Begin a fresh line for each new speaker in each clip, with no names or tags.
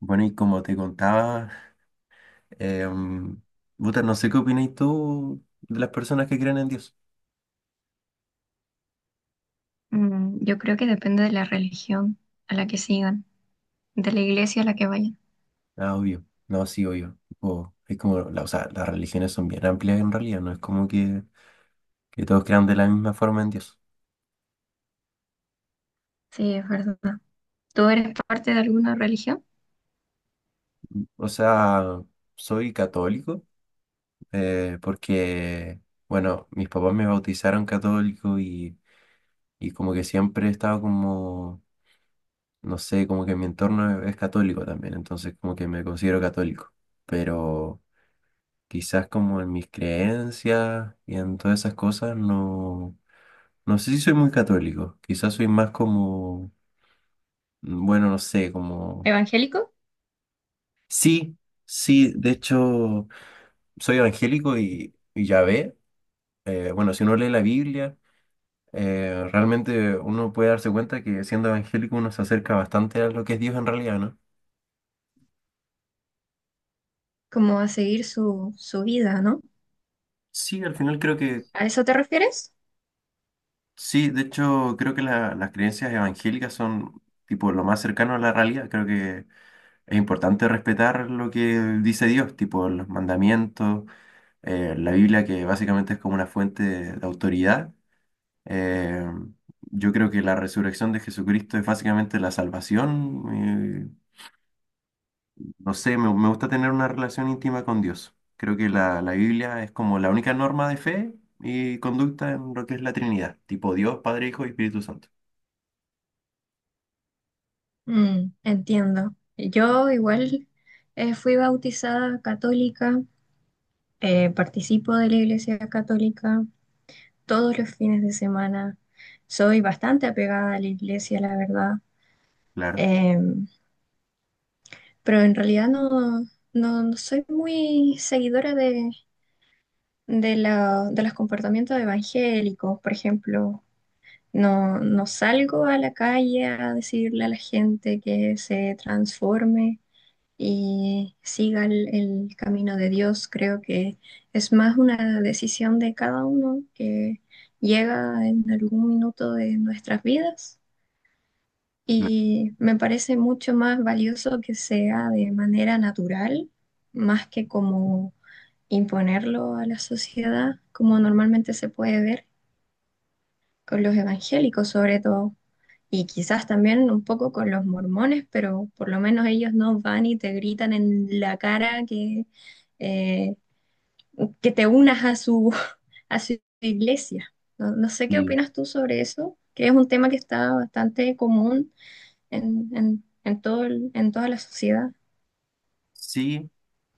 Bueno, y como te contaba, em, puta, no sé qué opinas tú de las personas que creen en Dios.
Yo creo que depende de la religión a la que sigan, de la iglesia a la que vayan.
Ah, obvio. No, sí, obvio. Tipo, es como, o sea, las religiones son bien amplias en realidad, no es como que todos crean de la misma forma en Dios.
Sí, es verdad. ¿Tú eres parte de alguna religión?
O sea, soy católico porque, bueno, mis papás me bautizaron católico y como que siempre he estado como, no sé, como que mi entorno es católico también, entonces como que me considero católico. Pero... quizás como en mis creencias y en todas esas cosas, no, no sé si soy muy católico, quizás soy más como, bueno, no sé, como,
¿Evangélico?
sí, sí, de hecho, soy evangélico y ya ve, bueno, si uno lee la Biblia, realmente uno puede darse cuenta que siendo evangélico uno se acerca bastante a lo que es Dios en realidad, ¿no?
Como a seguir su vida, ¿no?
Sí, al final creo que,
¿A eso te refieres?
sí, de hecho, creo que las creencias evangélicas son tipo lo más cercano a la realidad, creo que es importante respetar lo que dice Dios, tipo los mandamientos, la Biblia que básicamente es como una fuente de autoridad. Eh, yo creo que la resurrección de Jesucristo es básicamente la salvación. eh, no sé, me gusta tener una relación íntima con Dios. Creo que la Biblia es como la única norma de fe y conducta en lo que es la Trinidad, tipo Dios, Padre, Hijo y Espíritu Santo.
Entiendo. Yo igual fui bautizada católica, participo de la iglesia católica todos los fines de semana. Soy bastante apegada a la iglesia, la verdad.
Claro.
Em, pero en realidad no, no, no soy muy seguidora de los comportamientos evangélicos, por ejemplo. No, no salgo a la calle a decirle a la gente que se transforme y siga el camino de Dios. Creo que es más una decisión de cada uno que llega en algún minuto de nuestras vidas
Claro.
y me parece mucho más valioso que sea de manera natural, más que como imponerlo a la sociedad, como normalmente se puede ver con los evangélicos sobre todo, y quizás también un poco con los mormones, pero por lo menos ellos no van y te gritan en la cara eh, que te unas a su, a su iglesia. No, no sé qué
Y
opinas tú sobre eso, que es un tema que está bastante común en toda la sociedad.
sí,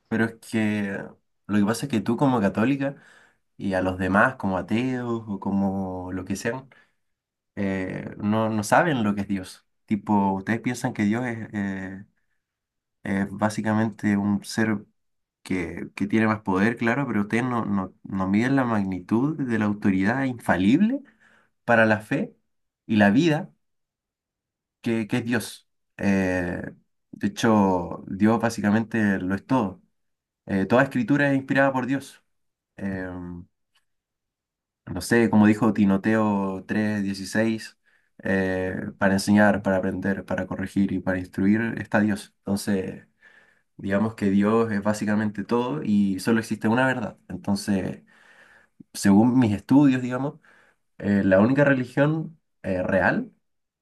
pero es que lo que pasa es que tú como católica... y a los demás como ateos o como lo que sean, no, no saben lo que es Dios. Tipo, ustedes piensan que Dios es básicamente un ser que tiene más poder, claro, pero ustedes no, no, no miden la magnitud de la autoridad infalible para la fe y la vida que es Dios. Eh, de hecho, Dios básicamente lo es todo. Toda escritura es inspirada por Dios. Em, no sé, como dijo Tinoteo 3:16, para enseñar, para aprender, para corregir y para instruir está Dios. Entonces, digamos que Dios es básicamente todo y solo existe una verdad. Entonces, según mis estudios, digamos, la única religión real,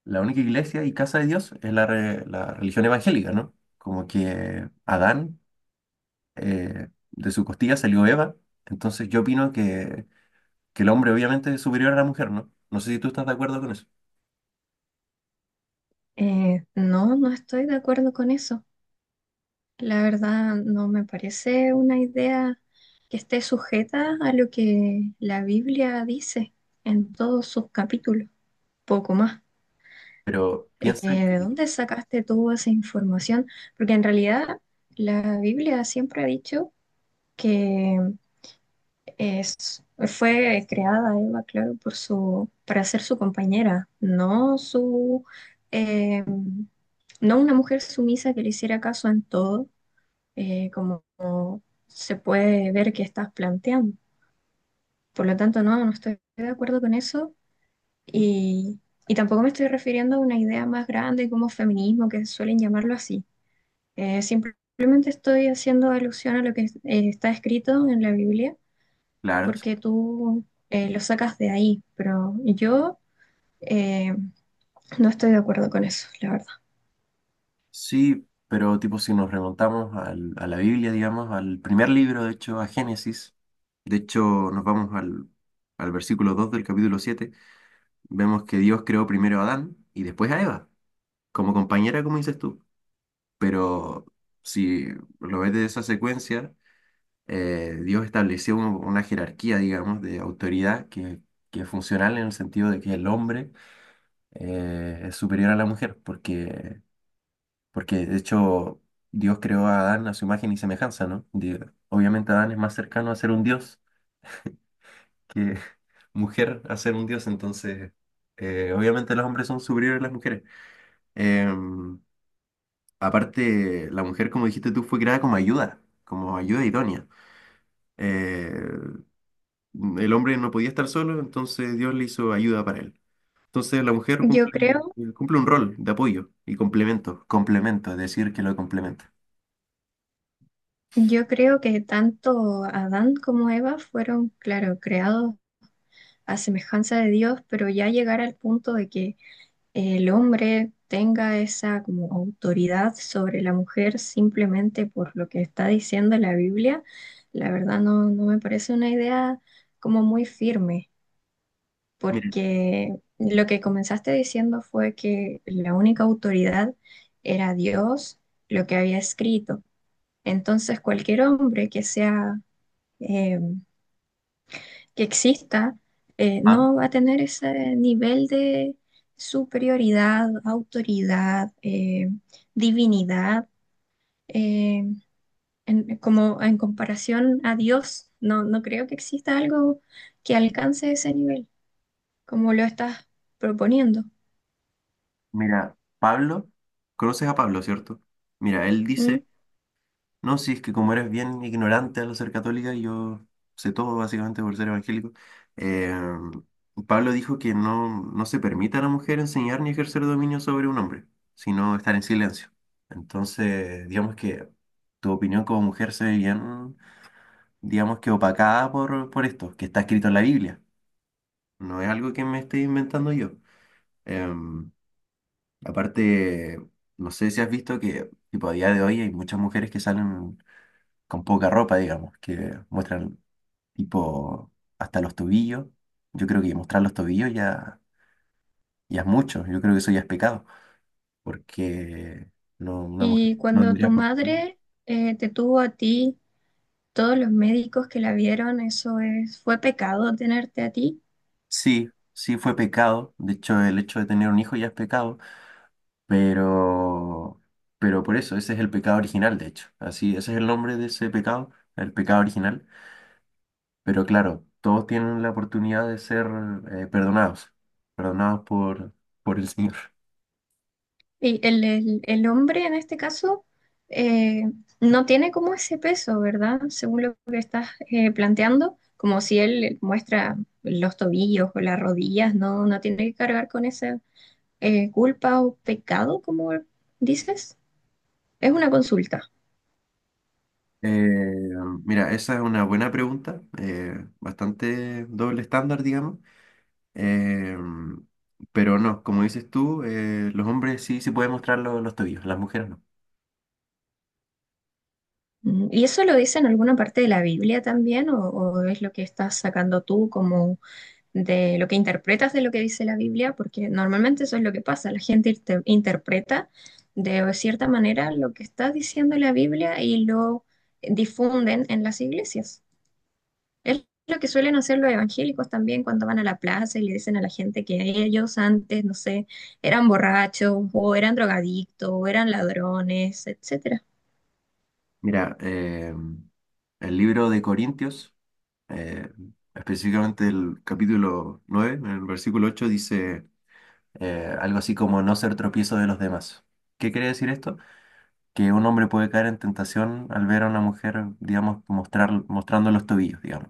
la única iglesia y casa de Dios es la, la religión evangélica, ¿no? Como que Adán, de su costilla salió Eva. Entonces, yo opino que el hombre obviamente es superior a la mujer, ¿no? No sé si tú estás de acuerdo con eso,
No, no estoy de acuerdo con eso. La verdad, no me parece una idea que esté sujeta a lo que la Biblia dice en todos sus capítulos, poco más.
pero piensa
¿De
que,
dónde sacaste tú esa información? Porque en realidad la Biblia siempre ha dicho que es, fue creada Eva, claro, para ser su compañera, eh, no una mujer sumisa que le hiciera caso en todo, como se puede ver que estás planteando. Por lo tanto, no, no estoy de acuerdo con eso y, y tampoco me estoy refiriendo a una idea más grande como feminismo, que suelen llamarlo así. Simplemente estoy haciendo alusión a lo que está escrito en la Biblia,
claro,
porque tú lo sacas de ahí, pero yo eh, no estoy de acuerdo con eso, la verdad.
sí, pero tipo si nos remontamos a la Biblia, digamos, al primer libro, de hecho, a Génesis, de hecho nos vamos al versículo 2 del capítulo 7 vemos que Dios creó primero a Adán y después a Eva, como compañera, como dices tú, pero si lo ves de esa secuencia, Dios estableció una jerarquía, digamos, de autoridad que es funcional en el sentido de que el hombre es superior a la mujer, porque, porque de hecho Dios creó a Adán a su imagen y semejanza, ¿no? Obviamente Adán es más cercano a ser un dios que mujer a ser un dios, entonces obviamente los hombres son superiores a las mujeres. Em, aparte, la mujer, como dijiste tú, fue creada como ayuda idónea. Eh, el hombre no podía estar solo, entonces Dios le hizo ayuda para él. Entonces la mujer
Yo
cumple,
creo...
cumple un rol de apoyo y complemento, complemento, es decir, que lo complementa.
Yo creo que tanto Adán como Eva fueron, claro, creados a semejanza de Dios, pero ya llegar al punto de que el hombre tenga esa como autoridad sobre la mujer simplemente por lo que está diciendo la Biblia, la verdad no, no me parece una idea como muy firme,
Mira,
porque lo que comenzaste diciendo fue que la única autoridad era Dios, lo que había escrito. Entonces, cualquier hombre que sea, eh, que exista,
ah,
no va a tener ese nivel de superioridad, autoridad, divinidad, eh, como en comparación a Dios. No, no creo que exista algo que alcance ese nivel, como lo estás proponiendo.
mira, Pablo, conoces a Pablo, ¿cierto? Mira, él
¿M?
dice, no, si es que como eres bien ignorante al ser católica, y yo sé todo básicamente por ser evangélico, eh, Pablo dijo que no, no se permite a la mujer enseñar ni ejercer dominio sobre un hombre, sino estar en silencio. Entonces, digamos que tu opinión como mujer se ve bien, digamos que opacada por esto, que está escrito en la Biblia. No es algo que me esté inventando yo. Em, aparte, no sé si has visto que tipo, a día de hoy hay muchas mujeres que salen con poca ropa, digamos, que muestran tipo hasta los tobillos. Yo creo que mostrar los tobillos ya, ya es mucho, yo creo que eso ya es pecado, porque no, una mujer
Y
no
cuando tu
tendría por qué.
madre te tuvo a ti, todos los médicos que la vieron, eso es, ¿fue pecado tenerte a ti?
Sí, sí fue pecado, de hecho el hecho de tener un hijo ya es pecado. Pero, pero por eso, ese es el pecado original, de hecho. Así, ese es el nombre de ese pecado, el pecado original. Pero claro, todos tienen la oportunidad de ser perdonados, perdonados por el Señor.
Y el hombre en este caso eh, no tiene como ese peso, ¿verdad? Según lo que estás planteando, como si él muestra los tobillos o las rodillas, no, no tiene que cargar con esa culpa o pecado, como dices. Es una consulta.
Eh, mira, esa es una buena pregunta, bastante doble estándar, digamos. Eh, pero no, como dices tú, los hombres sí se pueden mostrar los tobillos, las mujeres no.
¿Y eso lo dice en alguna parte de la Biblia también, o es lo que estás sacando tú como de lo que interpretas de lo que dice la Biblia? Porque normalmente eso es lo que pasa, la gente interpreta de cierta manera lo que está diciendo la Biblia y lo difunden en las iglesias. Es lo que suelen hacer los evangélicos también cuando van a la plaza y le dicen a la gente que ellos antes, no sé, eran borrachos o eran drogadictos o eran ladrones, etcétera.
Mira, el libro de Corintios. eh, específicamente el capítulo 9 en el versículo 8 dice algo así como no ser tropiezo de los demás. ¿Qué quiere decir esto? Que un hombre puede caer en tentación al ver a una mujer, digamos, mostrar, mostrando los tobillos, digamos.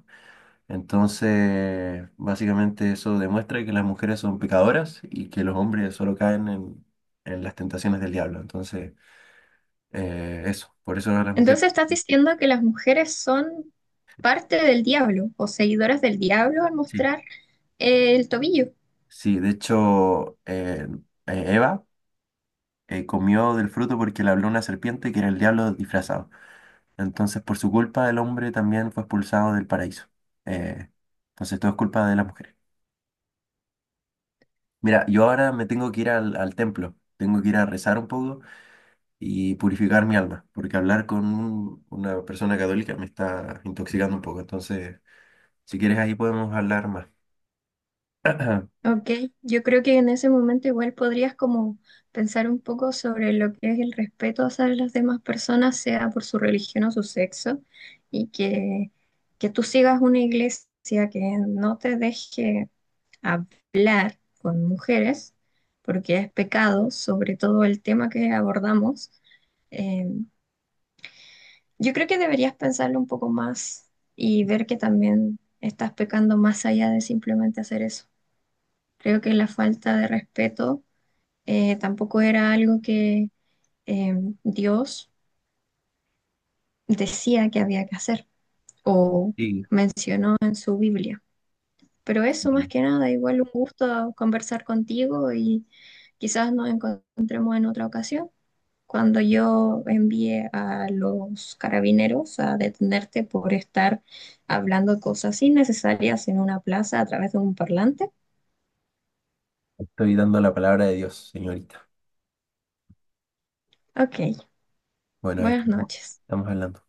Entonces, básicamente eso demuestra que las mujeres son pecadoras y que los hombres solo caen en las tentaciones del diablo. Entonces, eso, por eso las mujeres...
Entonces estás diciendo que las mujeres son parte del diablo o seguidoras del diablo al
Sí,
mostrar el tobillo.
sí, de hecho, Eva comió del fruto porque le habló una serpiente que era el diablo disfrazado. Entonces, por su culpa, el hombre también fue expulsado del paraíso. Eh, entonces, todo es culpa de las mujeres. Mira, yo ahora me tengo que ir al templo, tengo que ir a rezar un poco y purificar mi alma, porque hablar con una persona católica me está intoxicando un poco. Entonces, si quieres, ahí podemos hablar más.
Ok, yo creo que en ese momento igual podrías como pensar un poco sobre lo que es el respeto hacia las demás personas, sea por su religión o su sexo, y que tú sigas una iglesia que no te deje hablar con mujeres, porque es pecado, sobre todo el tema que abordamos. Eh, yo creo que deberías pensarlo un poco más y ver que también estás pecando más allá de simplemente hacer eso. Creo que la falta de respeto tampoco era algo que eh, Dios decía que había que hacer o
Sí,
menciona en su Biblia. Pero eso
sí,
más que nada, igual un gusto conversar contigo y quizás nos encontremos en otra ocasión. Cuando yo envié a los carabineros a detenerte por estar hablando cosas innecesarias en una plaza a través de un parlante.
estoy dando la palabra de Dios, señorita.
Ok,
Bueno, ahí
buenas
estamos,
noches.
estamos hablando.